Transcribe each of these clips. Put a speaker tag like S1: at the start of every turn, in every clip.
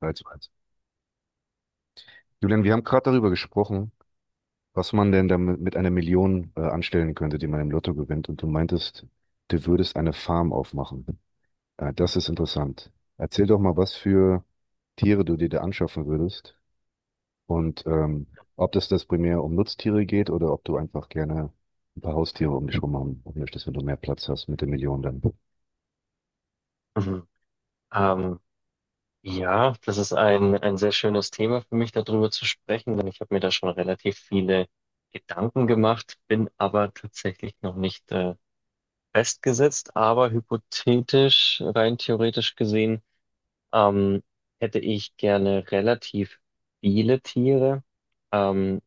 S1: 3:1. Julian, wir haben gerade darüber gesprochen, was man denn damit mit einer Million anstellen könnte, die man im Lotto gewinnt. Und du meintest, du würdest eine Farm aufmachen. Das ist interessant. Erzähl doch mal, was für Tiere du dir da anschaffen würdest und ob das primär um Nutztiere geht oder ob du einfach gerne ein paar Haustiere um dich rum haben möchtest, wenn du mehr Platz hast mit der Million dann.
S2: Mhm. Ähm, ja, das ist ein sehr schönes Thema für mich, darüber zu sprechen, denn ich habe mir da schon relativ viele Gedanken gemacht, bin aber tatsächlich noch nicht festgesetzt. Aber hypothetisch, rein theoretisch gesehen, ähm, hätte ich gerne relativ viele Tiere. Ähm,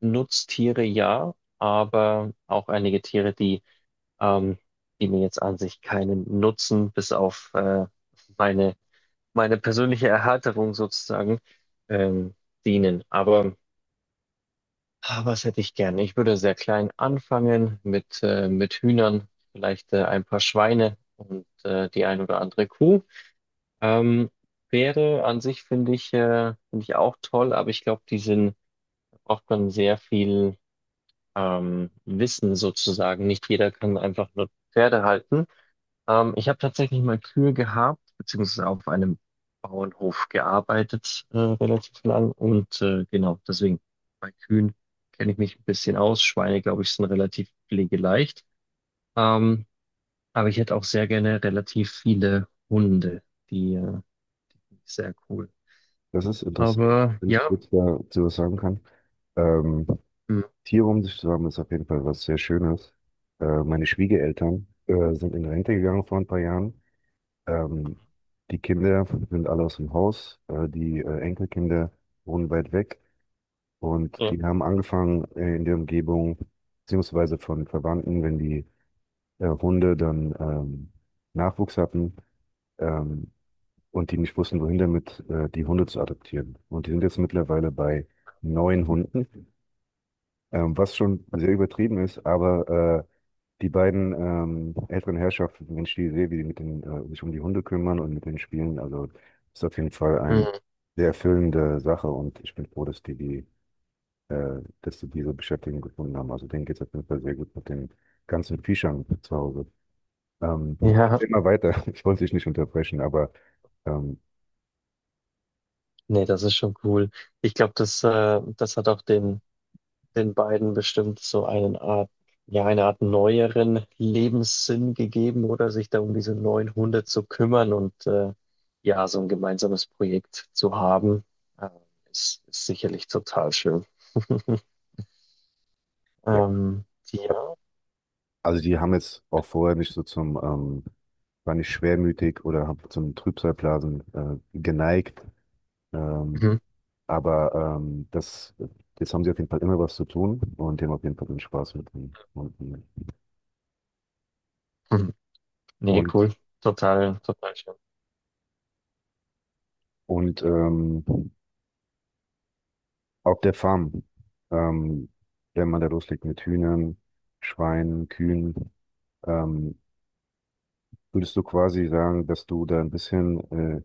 S2: Nutztiere ja, aber auch einige Tiere, ähm, die mir jetzt an sich keinen Nutzen bis auf meine meine persönliche Erhärterung sozusagen ähm, dienen. Aber was hätte ich gern? Ich würde sehr klein anfangen mit Hühnern, vielleicht ein paar Schweine und die ein oder andere Kuh. Ähm, Pferde an sich finde ich auch toll, aber ich glaube, die sind, da braucht man sehr viel Wissen sozusagen. Nicht jeder kann einfach nur Pferde halten. Ich habe tatsächlich mal Kühe gehabt, beziehungsweise auf einem Bauernhof gearbeitet, relativ lang. Und genau, deswegen bei Kühen kenne ich mich ein bisschen aus. Schweine, glaube ich, sind relativ pflegeleicht. Ähm, aber ich hätte auch sehr gerne relativ viele Hunde. Die Ist sehr cool.
S1: Das ist interessant,
S2: Aber
S1: wenn ich
S2: ja.
S1: kurz dazu was sagen kann. Ähm,
S2: Hm.
S1: Tiere um sich zu haben, ist auf jeden Fall was sehr Schönes. Meine Schwiegereltern sind in Rente gegangen vor ein paar Jahren. Ähm, Die Kinder sind alle aus dem Haus. Die Enkelkinder wohnen weit weg. Und
S2: Ja.
S1: die haben angefangen in der Umgebung, beziehungsweise von Verwandten, wenn die Hunde dann Nachwuchs hatten ähm, und die nicht wussten, wohin damit, die Hunde zu adoptieren. Und die sind jetzt mittlerweile bei neun Hunden, was schon sehr übertrieben ist, aber die beiden älteren Herrschaften, wenn ich die sehe, wie die mit den, sich um die Hunde kümmern und mit den Spielen, also ist auf jeden Fall eine
S2: Mhm.
S1: sehr erfüllende Sache und ich bin froh, dass die, die dass sie diese Beschäftigung gefunden haben. Also denen geht es auf jeden Fall sehr gut mit den ganzen Viechern zu Hause. Ähm,
S2: Ja,
S1: Immer weiter, ich wollte dich nicht unterbrechen, aber ähm,
S2: nee, das ist schon cool. Ich glaube, das hat auch den beiden bestimmt so einen Art, ja, eine Art neueren Lebenssinn gegeben oder sich da um diese neuen Hunde zu kümmern und ja, so ein gemeinsames Projekt zu haben, äh, ist sicherlich total schön.
S1: ja,
S2: Ähm, ja.
S1: also die haben jetzt auch vorher nicht so zum, war nicht schwermütig oder hab zum Trübsalblasen geneigt. Ähm,
S2: Mhm.
S1: Aber ähm, das, jetzt haben sie auf jeden Fall immer was zu tun und die haben auf jeden Fall den Spaß mit den Hunden.
S2: Mhm. Nee, cool.
S1: Und,
S2: Total, total schön.
S1: und ähm, auf der Farm, ähm, wenn man da loslegt mit Hühnern, Schweinen, Kühen, ähm, würdest du quasi sagen, dass du da ein bisschen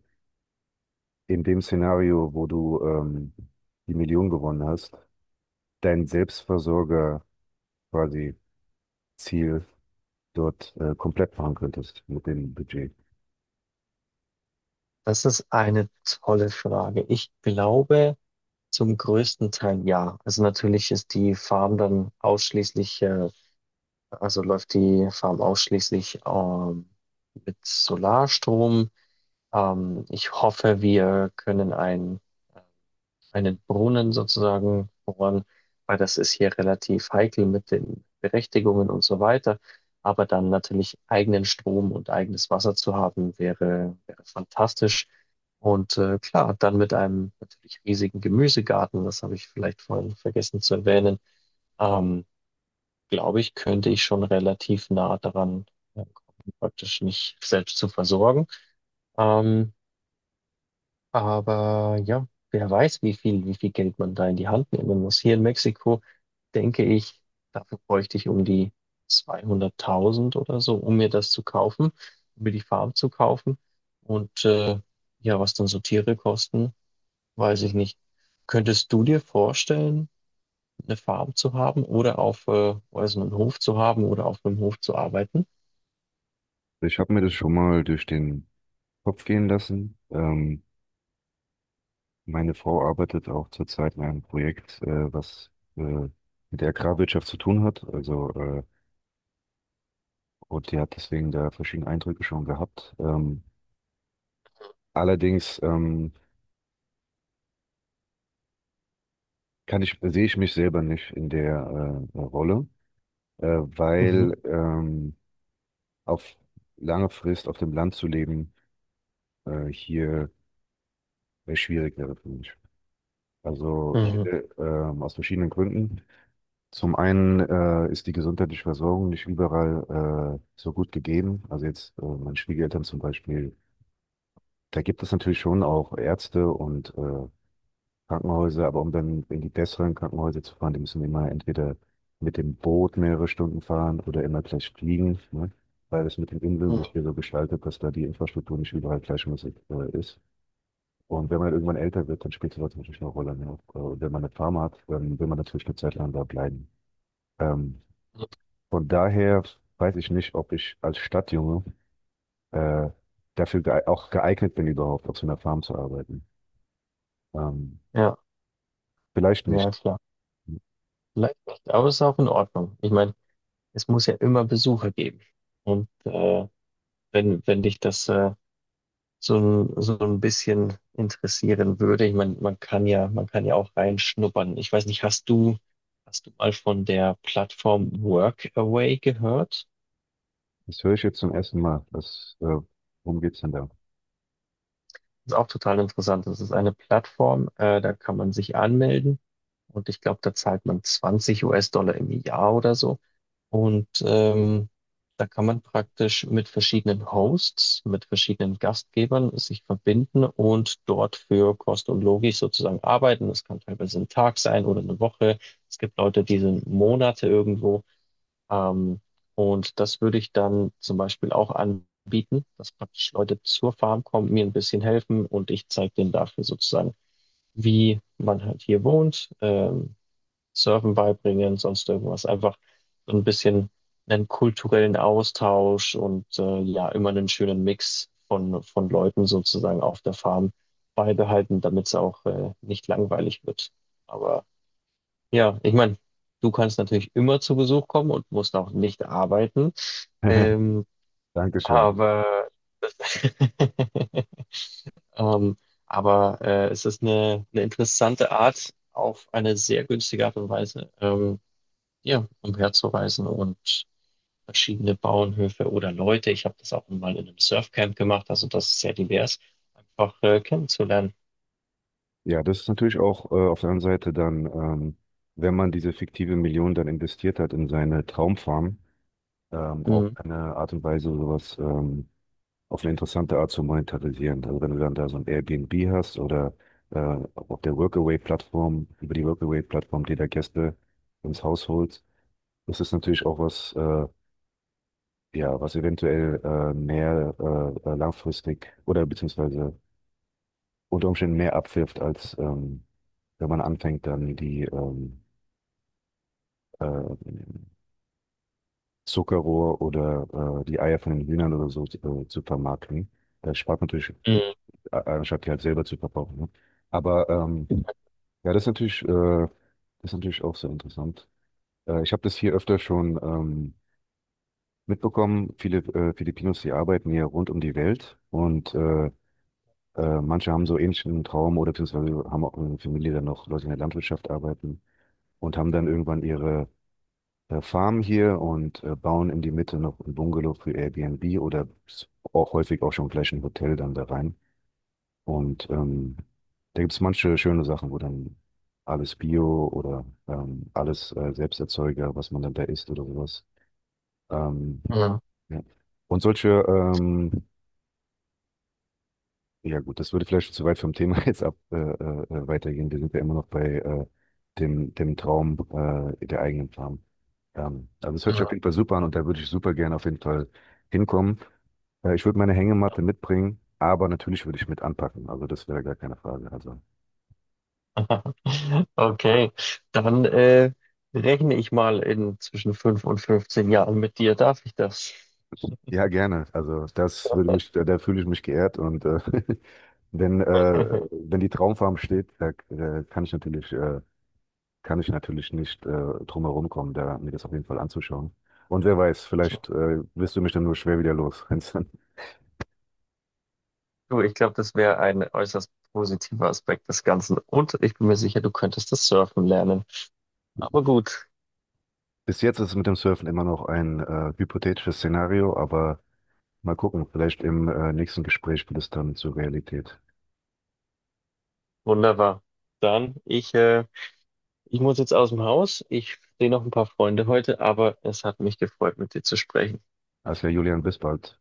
S1: in dem Szenario, wo du die Million gewonnen hast, dein Selbstversorger quasi Ziel dort komplett machen könntest mit dem Budget?
S2: Das ist eine tolle Frage. Ich glaube zum größten Teil ja. Also natürlich ist die Farm dann ausschließlich Also läuft die Farm ausschließlich mit Solarstrom. Ich hoffe, wir können äh, einen Brunnen sozusagen bohren, weil das ist hier relativ heikel mit den Berechtigungen und so weiter. Aber dann natürlich eigenen Strom und eigenes Wasser zu haben, wäre fantastisch. Und klar, dann mit einem natürlich riesigen Gemüsegarten, das habe ich vielleicht vorhin vergessen zu erwähnen. Ähm, Glaube ich, könnte ich schon relativ nah daran kommen, praktisch mich selbst zu versorgen. Ähm, aber ja, wer weiß, wie viel Geld man da in die Hand nehmen muss. Hier in Mexiko denke ich, dafür bräuchte ich um die 200.000 oder so, um mir das zu kaufen, um mir die Farm zu kaufen. Und ja, was dann so Tiere kosten, weiß ich nicht. Könntest du dir vorstellen, eine Farm zu haben oder auf, weiß einen Hof zu haben oder auf einem Hof zu arbeiten.
S1: Ich habe mir das schon mal durch den Kopf gehen lassen. Meine Frau arbeitet auch zurzeit in einem Projekt, was mit der Agrarwirtschaft zu tun hat. Also, und die hat deswegen da verschiedene Eindrücke schon gehabt. Allerdings kann ich, sehe ich mich selber nicht in der Rolle, äh,
S2: Mhm.
S1: weil ähm, auf lange Frist auf dem Land zu leben hier schwierig wäre für mich. Also hier,
S2: Mhm.
S1: aus verschiedenen Gründen. Zum einen ist die gesundheitliche Versorgung nicht überall so gut gegeben. Also jetzt meine Schwiegereltern zum Beispiel, da gibt es natürlich schon auch Ärzte und Krankenhäuser, aber um dann in die besseren Krankenhäuser zu fahren, die müssen immer entweder mit dem Boot mehrere Stunden fahren oder immer gleich fliegen, ne? Weil es mit den Inseln sich
S2: Mhm.
S1: hier so gestaltet, dass da die Infrastruktur nicht überall gleichmäßig ist. Und wenn man irgendwann älter wird, dann spielt sowas natürlich eine Rolle. Ne? Und wenn man eine Farm hat, dann will man natürlich eine Zeit lang da bleiben. Ähm, Von daher weiß ich nicht, ob ich als Stadtjunge äh, dafür gee auch geeignet bin, überhaupt auf so einer Farm zu arbeiten. Ähm,
S2: Ja,
S1: Vielleicht nicht.
S2: ja, klar. Vielleicht nicht, aber es ist auch in Ordnung. Ich meine, es muss ja immer Besucher geben. Und wenn dich das so ein bisschen interessieren würde, ich meine, man kann ja auch reinschnuppern. Ich weiß nicht, hast du mal von der Plattform Workaway gehört?
S1: Das höre ich jetzt zum ersten Mal. Worum geht's denn da?
S2: Ist auch total interessant. Das ist eine Plattform, da kann man sich anmelden und ich glaube, da zahlt man 20 US-Dollar im Jahr oder so. Und da kann man praktisch mit verschiedenen Hosts, mit verschiedenen Gastgebern sich verbinden und dort für Kost und Logik sozusagen arbeiten. Das kann teilweise ein Tag sein oder eine Woche. Es gibt Leute, die sind Monate irgendwo. Ähm, und das würde ich dann zum Beispiel auch anbieten, dass praktisch Leute zur Farm kommen, mir ein bisschen helfen und ich zeige denen dafür sozusagen, wie man halt hier wohnt, Surfen beibringen, sonst irgendwas. Einfach so ein bisschen einen kulturellen Austausch und ja, immer einen schönen Mix von Leuten sozusagen auf der Farm beibehalten, damit es auch nicht langweilig wird. Aber ja, ich meine, du kannst natürlich immer zu Besuch kommen und musst auch nicht arbeiten. Ähm,
S1: Dankeschön.
S2: aber das, ähm, aber es ist eine interessante Art, auf eine sehr günstige Art und Weise, ja, umherzureisen und verschiedene Bauernhöfe oder Leute. Ich habe das auch mal in einem Surfcamp gemacht, also das ist sehr divers, einfach kennenzulernen.
S1: Ja, das ist natürlich auch auf der anderen Seite dann, wenn man diese fiktive Million dann investiert hat in seine Traumfarm, auch
S2: Mhm.
S1: eine Art und Weise, sowas auf eine interessante Art zu monetarisieren. Also wenn du dann da so ein Airbnb hast oder äh, auf der Workaway-Plattform, über die Workaway-Plattform dir da Gäste ins Haus holst, das ist natürlich auch was, ja, was eventuell mehr langfristig oder beziehungsweise unter Umständen mehr abwirft, als wenn man anfängt, dann die äh, Zuckerrohr oder die Eier von den Hühnern oder so zu vermarkten. Das spart natürlich,
S2: Mhm.
S1: anstatt die halt selber zu verbrauchen. Ne? Aber ja, das ist natürlich auch sehr interessant. Ich habe das hier öfter schon mitbekommen. Viele Filipinos, die arbeiten hier rund um die Welt und manche haben so ähnlichen Traum oder beziehungsweise haben auch eine Familie, dann noch Leute in der Landwirtschaft arbeiten und haben dann irgendwann ihre Farm hier und bauen in die Mitte noch ein Bungalow für Airbnb oder auch häufig auch schon gleich ein Hotel dann da rein. Und da gibt es manche schöne Sachen, wo dann alles Bio oder alles Selbsterzeuger, was man dann da isst oder sowas. Ähm,
S2: Mhm.
S1: ja. Und solche Ja gut, das würde vielleicht schon zu weit vom Thema jetzt ab weitergehen. Wir sind ja immer noch bei dem Traum der eigenen Farm. Also es hört sich auf
S2: Mhm.
S1: jeden Fall super an und da würde ich super gerne auf jeden Fall hinkommen. Ich würde meine Hängematte mitbringen, aber natürlich würde ich mit anpacken. Also das wäre gar keine Frage. Also
S2: Okay, dann rechne ich mal in zwischen 5 und 15 Jahren mit dir. Darf ich das?
S1: ja, gerne. Also das würde mich, da, da fühle ich mich geehrt und wenn, äh, wenn die Traumfarm steht, da kann ich natürlich kann ich natürlich nicht drum herum kommen, da mir das auf jeden Fall anzuschauen. Und wer weiß, vielleicht wirst du mich dann nur schwer wieder los, wenn's dann-
S2: Du, ich glaube, das wäre ein äußerst positiver Aspekt des Ganzen. Und ich bin mir sicher, du könntest das Surfen lernen. Aber gut,
S1: Bis jetzt ist es mit dem Surfen immer noch ein hypothetisches Szenario, aber mal gucken, vielleicht im nächsten Gespräch wird es dann zur Realität.
S2: wunderbar. Dann, ich, äh, Ich muss jetzt aus dem Haus. Ich sehe noch ein paar Freunde heute, aber es hat mich gefreut, mit dir zu sprechen.
S1: Also ja, Julian, bis bald.